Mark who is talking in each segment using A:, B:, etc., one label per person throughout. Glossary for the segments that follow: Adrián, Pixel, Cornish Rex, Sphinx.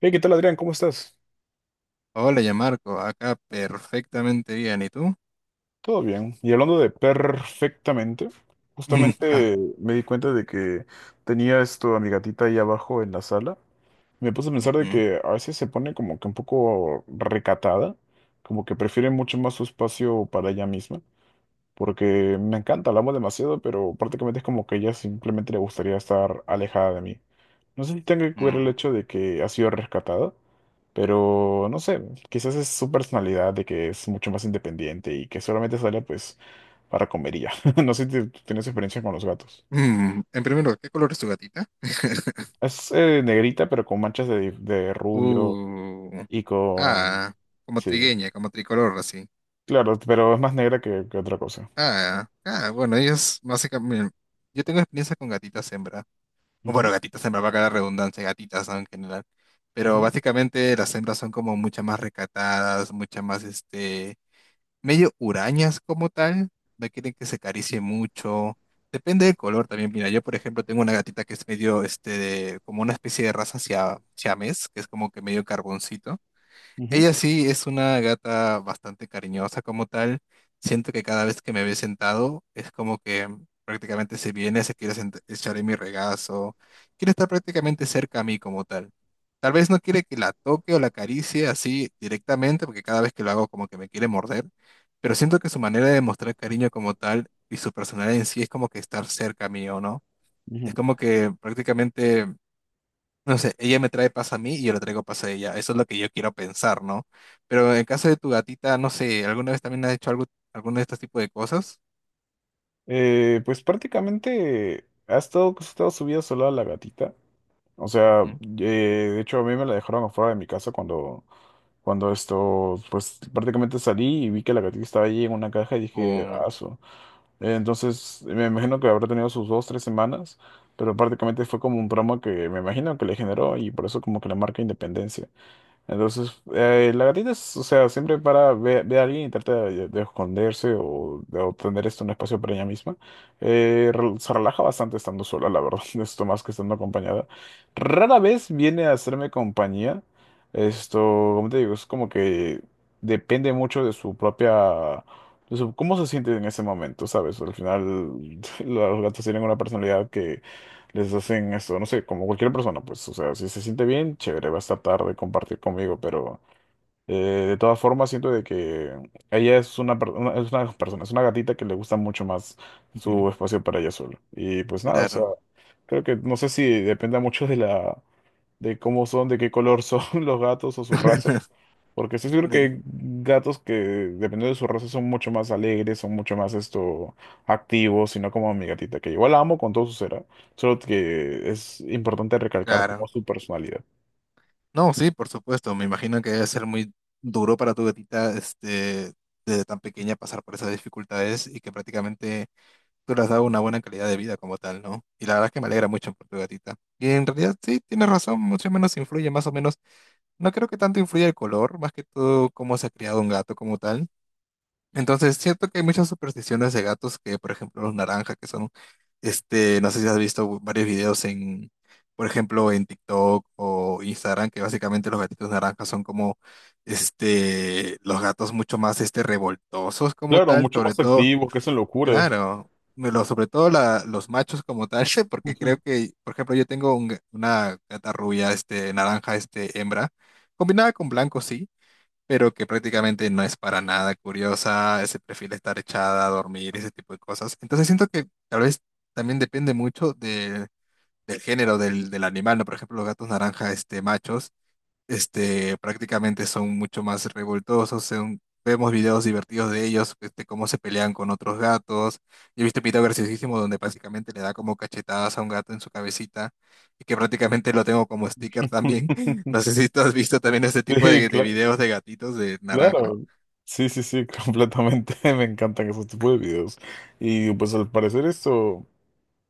A: Hey, ¿qué tal, Adrián? ¿Cómo estás?
B: Hola, ya Marco, acá perfectamente bien. ¿Y tú?
A: Todo bien. Y hablando de perfectamente,
B: Mm. Ah.
A: justamente me di cuenta de que tenía esto a mi gatita ahí abajo en la sala. Me puse a pensar de
B: Ujú.
A: que a veces se pone como que un poco recatada, como que prefiere mucho más su espacio para ella misma. Porque me encanta, la amo demasiado, pero prácticamente es como que ella simplemente le gustaría estar alejada de mí. No sé si tenga
B: Mm.
A: que ver el
B: Mm.
A: hecho de que ha sido rescatada, pero no sé, quizás es su personalidad de que es mucho más independiente y que solamente sale pues para comer y ya. No sé si tú tienes experiencia con los gatos.
B: En primer lugar, ¿qué color es tu gatita?
A: Es negrita, pero con manchas de rubio
B: Uh,
A: y con...
B: ah, como
A: Sí,
B: trigueña, como tricolor, así.
A: claro, pero es más negra que otra cosa.
B: Ah, ah, bueno, ellos básicamente. Yo tengo experiencia con gatitas hembra. O bueno,
A: Ujú,
B: gatitas hembra va a quedar redundancia, gatitas, ¿no? En general. Pero
A: ujú,
B: básicamente las hembras son como muchas más recatadas, muchas más. Medio hurañas como tal, no quieren que se acaricie mucho. Depende del color también. Mira, yo por ejemplo tengo una gatita que es medio, como una especie de raza siamés, que es como que medio carboncito.
A: ujú,
B: Ella sí es una gata bastante cariñosa como tal. Siento que cada vez que me ve sentado es como que prácticamente se viene, se quiere echar en mi regazo, quiere estar prácticamente cerca a mí como tal. Tal vez no quiere que la toque o la acaricie así directamente, porque cada vez que lo hago como que me quiere morder, pero siento que su manera de mostrar cariño como tal y su personalidad en sí es como que estar cerca mío, ¿no?
A: ujú.
B: Es como que prácticamente. No sé, ella me trae paz a mí y yo le traigo paz a ella. Eso es lo que yo quiero pensar, ¿no? Pero en caso de tu gatita, no sé, ¿alguna vez también has hecho algo, alguno de estos tipos de cosas?
A: Pues prácticamente ha estado, pues, ha estado subida sola la gatita. O sea,
B: Ujú.
A: eh, de hecho a mí me la dejaron afuera de mi casa cuando, pues prácticamente salí y vi que la gatita estaba allí en una caja y dije,
B: O,
A: aso. Entonces me imagino que habrá tenido sus dos, tres semanas, pero prácticamente fue como un trauma que me imagino que le generó y por eso como que la marca Independencia. Entonces, la gatita es, o sea, siempre para ver a alguien y trata de esconderse o de obtener esto un espacio para ella misma. Se relaja bastante estando sola, la verdad, esto más que estando acompañada. Rara vez viene a hacerme compañía. Esto, Como te digo, es como que depende mucho de su propia, de su- cómo se siente en ese momento, ¿sabes? Al final, los gatos tienen una personalidad, les hacen no sé, como cualquier persona, pues, o sea, si se siente bien, chévere, va a estar tarde compartir conmigo, pero eh, de todas formas siento de que ella es es una persona, es una gatita que le gusta mucho más
B: ujú,
A: su espacio para ella sola. Y pues nada, o sea,
B: claro.
A: creo que no sé si depende mucho de cómo son, de qué color son los gatos o su raza. Porque estoy seguro que
B: Mm.
A: hay gatos que, dependiendo de su raza, son mucho más alegres, son mucho más activos, y no como mi gatita, que igual la amo con todo su ser, ¿ah? Solo que es importante recalcar como
B: Claro.
A: su personalidad.
B: No, sí, por supuesto. Me imagino que debe ser muy duro para tu gatita, desde tan pequeña pasar por esas dificultades y que prácticamente tú le has dado una buena calidad de vida como tal, ¿no? Y la verdad es que me alegra mucho por tu gatita. Y en realidad sí, tienes razón, más o menos influye más o menos. No creo que tanto influya el color, más que todo cómo se ha criado un gato como tal. Entonces, siento que hay muchas supersticiones de gatos que, por ejemplo, los naranjas, que son, no sé si has visto varios videos en, por ejemplo, en TikTok o Instagram, que básicamente los gatitos naranjas son como, los gatos mucho más, revoltosos como
A: Claro,
B: tal,
A: mucho
B: sobre
A: más
B: todo.
A: activos, que hacen locuras.
B: Claro, sobre todo los machos como tal, porque creo que, por ejemplo, yo tengo una gata rubia, naranja, hembra, combinada con blanco, sí, pero que prácticamente no es para nada curiosa, se prefiere estar echada a dormir, ese tipo de cosas. Entonces siento que tal vez también depende mucho del género del animal, ¿no? Por ejemplo, los gatos naranja, machos prácticamente son mucho más revoltosos. Vemos videos divertidos de ellos, cómo se pelean con otros gatos. Yo he visto un video graciosísimo donde básicamente le da como cachetadas a un gato en su cabecita y que prácticamente lo tengo como sticker también. No sé si tú has visto también este tipo
A: Sí,
B: de
A: cla-
B: videos de gatitos de naranja.
A: claro. Sí, sí, sí, completamente. Me encantan esos tipos de videos. Y pues al parecer esto.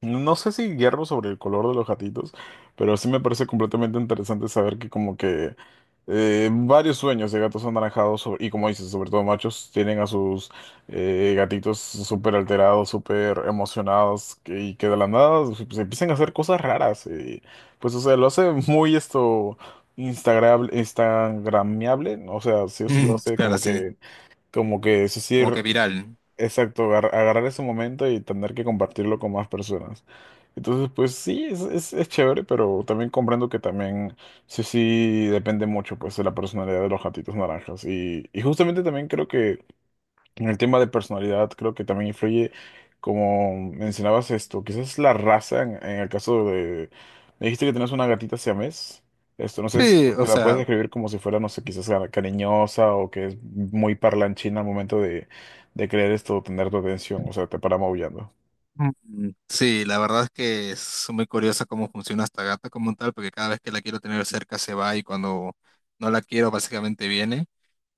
A: No sé si guiarme sobre el color de los gatitos, pero sí me parece completamente interesante saber que como que varios sueños de gatos anaranjados sobre- y como dices, sobre todo machos, tienen a sus gatitos súper alterados, súper emocionados que- y que de la nada se empiezan a hacer cosas raras. Pues o sea, lo hace muy esto instagram instagramiable, o sea, sí o sí lo
B: Mm.
A: hace
B: Claro, sí,
A: como que es
B: como
A: decir
B: que viral.
A: exacto, agarrar ese momento y tener que compartirlo con más personas. Entonces, pues sí, es chévere, pero también comprendo que también sí, sí depende mucho pues de la personalidad de los gatitos naranjas. Y justamente también creo que en el tema de personalidad, creo que también influye, como mencionabas quizás la raza, en el caso de... Me dijiste que tenías una gatita siamés. Esto, no sé si
B: Sí, o
A: la puedes
B: sea,
A: describir como si fuera, no sé, quizás cariñosa o que es muy parlanchina al momento de querer tener tu atención, o sea, te para maullando.
B: Sí, la verdad es que es muy curiosa cómo funciona esta gata como tal, porque cada vez que la quiero tener cerca se va y cuando no la quiero básicamente viene.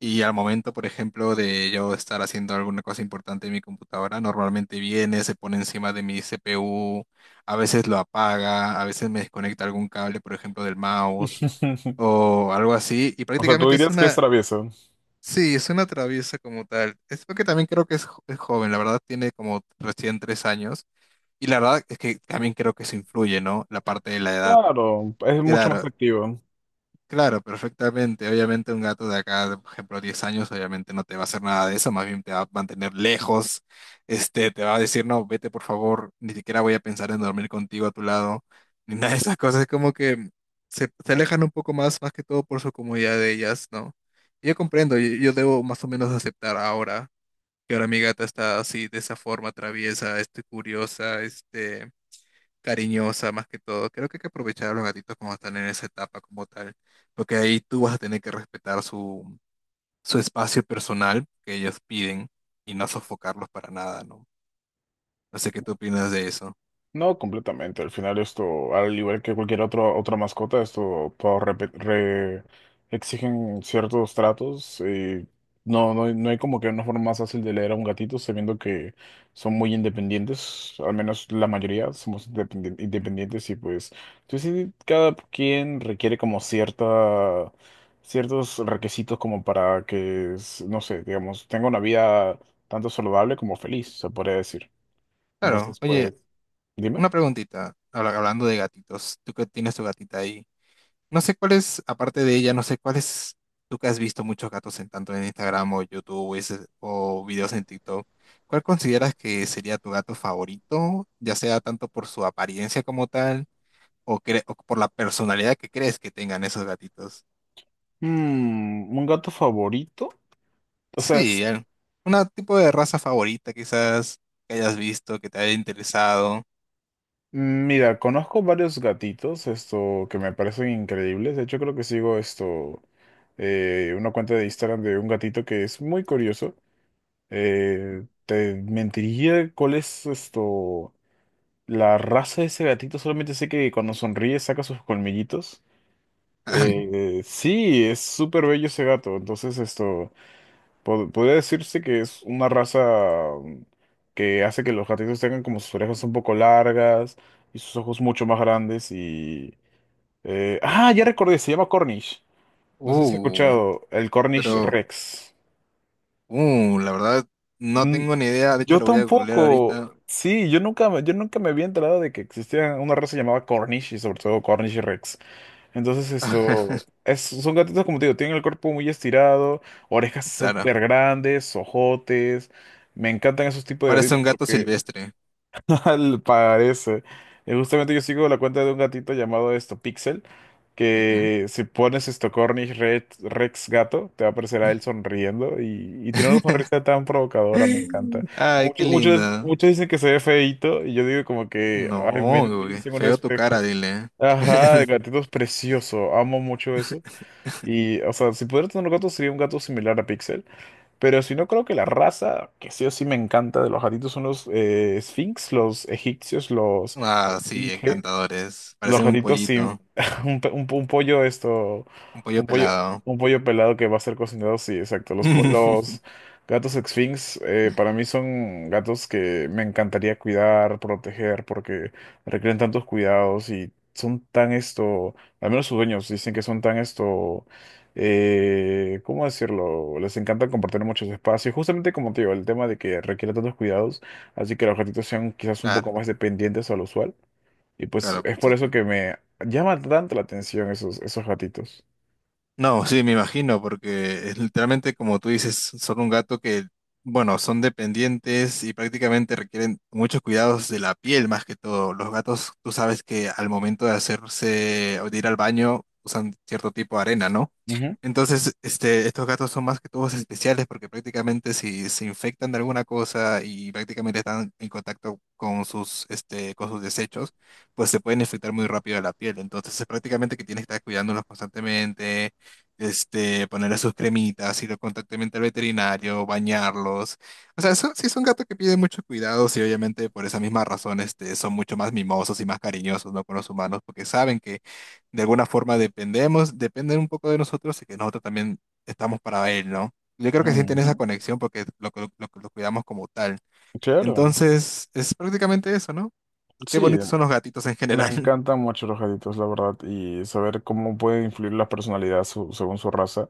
B: Y al momento, por ejemplo, de yo estar haciendo alguna cosa importante en mi computadora, normalmente viene, se pone encima de mi CPU, a veces lo apaga, a veces me desconecta algún cable, por ejemplo, del mouse o algo así. Y
A: O sea, tú
B: prácticamente es
A: dirías que es
B: una,
A: traviesa.
B: sí, es una traviesa como tal. Es porque también creo que es joven, la verdad tiene como recién 3 años y la verdad es que también creo que se influye, ¿no? La parte de la edad.
A: Claro, es mucho más
B: Claro,
A: activo.
B: claro, perfectamente. Obviamente un gato de acá, por ejemplo, 10 años, obviamente no te va a hacer nada de eso, más bien te va a mantener lejos, te va a decir, no, vete por favor, ni siquiera voy a pensar en dormir contigo a tu lado, ni nada de esas cosas. Es como que se alejan un poco más, más que todo por su comodidad de ellas, ¿no? Y yo comprendo, yo debo más o menos aceptar ahora que ahora mi gata está así, de esa forma traviesa, curiosa, cariñosa más que todo. Creo que hay que aprovechar a los gatitos cuando están en esa etapa como tal, porque ahí tú vas a tener que respetar su espacio personal que ellos piden y no sofocarlos para nada, ¿no? No sé qué tú opinas de eso.
A: No, completamente. Al final esto, al igual que cualquier otro, otra mascota, esto todos exigen ciertos tratos. Y no hay como que una forma más fácil de leer a un gatito, sabiendo que son muy independientes, al menos la mayoría somos
B: Ujú.
A: independientes y pues, pues sí, cada quien requiere como ciertos requisitos como para que, no sé, digamos, tenga una vida tanto saludable como feliz, se podría decir.
B: Claro,
A: Entonces,
B: oye,
A: pues, dime.
B: una preguntita, hablando de gatitos, tú que tienes tu gatita ahí, no sé cuál es, aparte de ella, no sé cuál es, tú que has visto muchos gatos en tanto en Instagram o YouTube o videos en TikTok, ¿cuál consideras que sería tu gato favorito, ya sea tanto por su apariencia como tal o por la personalidad que crees que tengan esos gatitos?
A: Mm, ¿un gato favorito? O sea, es-
B: Sí, una tipo de raza favorita quizás que hayas visto, que te haya interesado.
A: Mira, conozco varios gatitos, que me parecen increíbles. De hecho, creo que sigo una cuenta de Instagram de un gatito que es muy curioso. Te mentiría cuál es la raza de ese gatito. Solamente sé que cuando sonríe saca sus colmillitos. Sí, es súper bello ese gato. Entonces, esto. Pod- podría decirse que es una raza mm, que hace que los gatitos tengan como sus orejas un poco largas y sus ojos mucho más grandes y... ya recordé, se llama Cornish. No sé si has
B: Uh,
A: escuchado, el Cornish
B: pero,
A: Rex.
B: uh, la verdad, no
A: Mm,
B: tengo ni idea, de hecho
A: yo
B: lo voy a googlear
A: tampoco.
B: ahorita.
A: Sí, yo nunca me había enterado de que existía una raza llamada Cornish y sobre todo Cornish Rex. Entonces son gatitos como te digo, tienen el cuerpo muy estirado, orejas
B: Claro,
A: súper grandes, ojotes. Me encantan esos tipos de
B: parece
A: gatitos
B: un gato
A: porque
B: silvestre.
A: al parece. Justamente yo sigo la cuenta de un gatito llamado esto Pixel,
B: Ujú.
A: que si pones esto Cornish Rex, Rex gato, te va a aparecer a él sonriendo y tiene una sonrisa tan provocadora, me encanta.
B: Ay, qué
A: Muchos, muchos,
B: linda.
A: muchos dicen que se ve feíto y yo digo como que, ay,
B: No,
A: miren,
B: güey,
A: en un
B: feo tu
A: espejo.
B: cara, dile.
A: Ajá, el gatito es precioso, amo mucho eso. Y, o sea, si pudiera tener un gato sería un gato similar a Pixel, pero si no creo que la raza que sí o sí me encanta de los gatitos son los Sphinx, los egipcios, los
B: Ah, sí,
A: esfinge.
B: encantadores.
A: Los
B: Parecen un
A: gatitos sí.
B: pollito,
A: Un pollo esto.
B: un pollo
A: Un pollo.
B: pelado.
A: Un pollo pelado que va a ser cocinado, sí, exacto. Los gatos Sphinx para mí son gatos que me encantaría cuidar, proteger, porque requieren tantos cuidados y son tan al menos sus dueños dicen que son tan ¿cómo decirlo? Les encanta compartir muchos espacios, justamente como te digo, el tema de que requiere tantos cuidados, así que los gatitos sean quizás un poco
B: Claro,
A: más dependientes a lo usual. Y pues
B: claro.
A: es
B: Pues, sí.
A: por
B: Sí.
A: eso que me llama tanto la atención esos gatitos.
B: No, sí, me imagino, porque es literalmente como tú dices, son un gato que, bueno, son dependientes y prácticamente requieren muchos cuidados de la piel más que todo. Los gatos, tú sabes que al momento de hacerse o de ir al baño usan cierto tipo de arena, ¿no?
A: Ujú,
B: Entonces, estos gatos son más que todos especiales porque prácticamente si se infectan de alguna cosa y prácticamente están en contacto con sus desechos, pues se pueden infectar muy rápido la piel. Entonces, es prácticamente que tienes que estar cuidándolos constantemente, ponerle sus cremitas, ir constantemente al veterinario, bañarlos. O sea, sí son gatos que piden mucho cuidado y obviamente por esa misma razón, son mucho más mimosos y más cariñosos, ¿no? con los humanos porque saben que de alguna forma dependemos, dependen un poco de nosotros y que nosotros también estamos para él, ¿no? Yo creo que sienten esa
A: ujú.
B: conexión porque lo cuidamos como tal.
A: Claro,
B: Entonces, es prácticamente eso, ¿no? Qué
A: sí,
B: bonitos son los gatitos en
A: me
B: general.
A: encantan mucho los gatitos, la verdad, y saber cómo puede influir la personalidad según su raza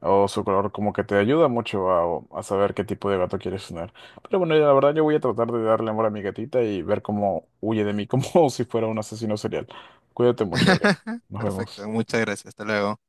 A: o su color, como que te ayuda mucho a saber qué tipo de gato quieres tener. Pero bueno, la verdad yo voy a tratar de darle amor a mi gatita y ver cómo huye de mí, como si fuera un asesino serial. Cuídate mucho, Adrián. Nos vemos.
B: Perfecto, muchas gracias, hasta luego.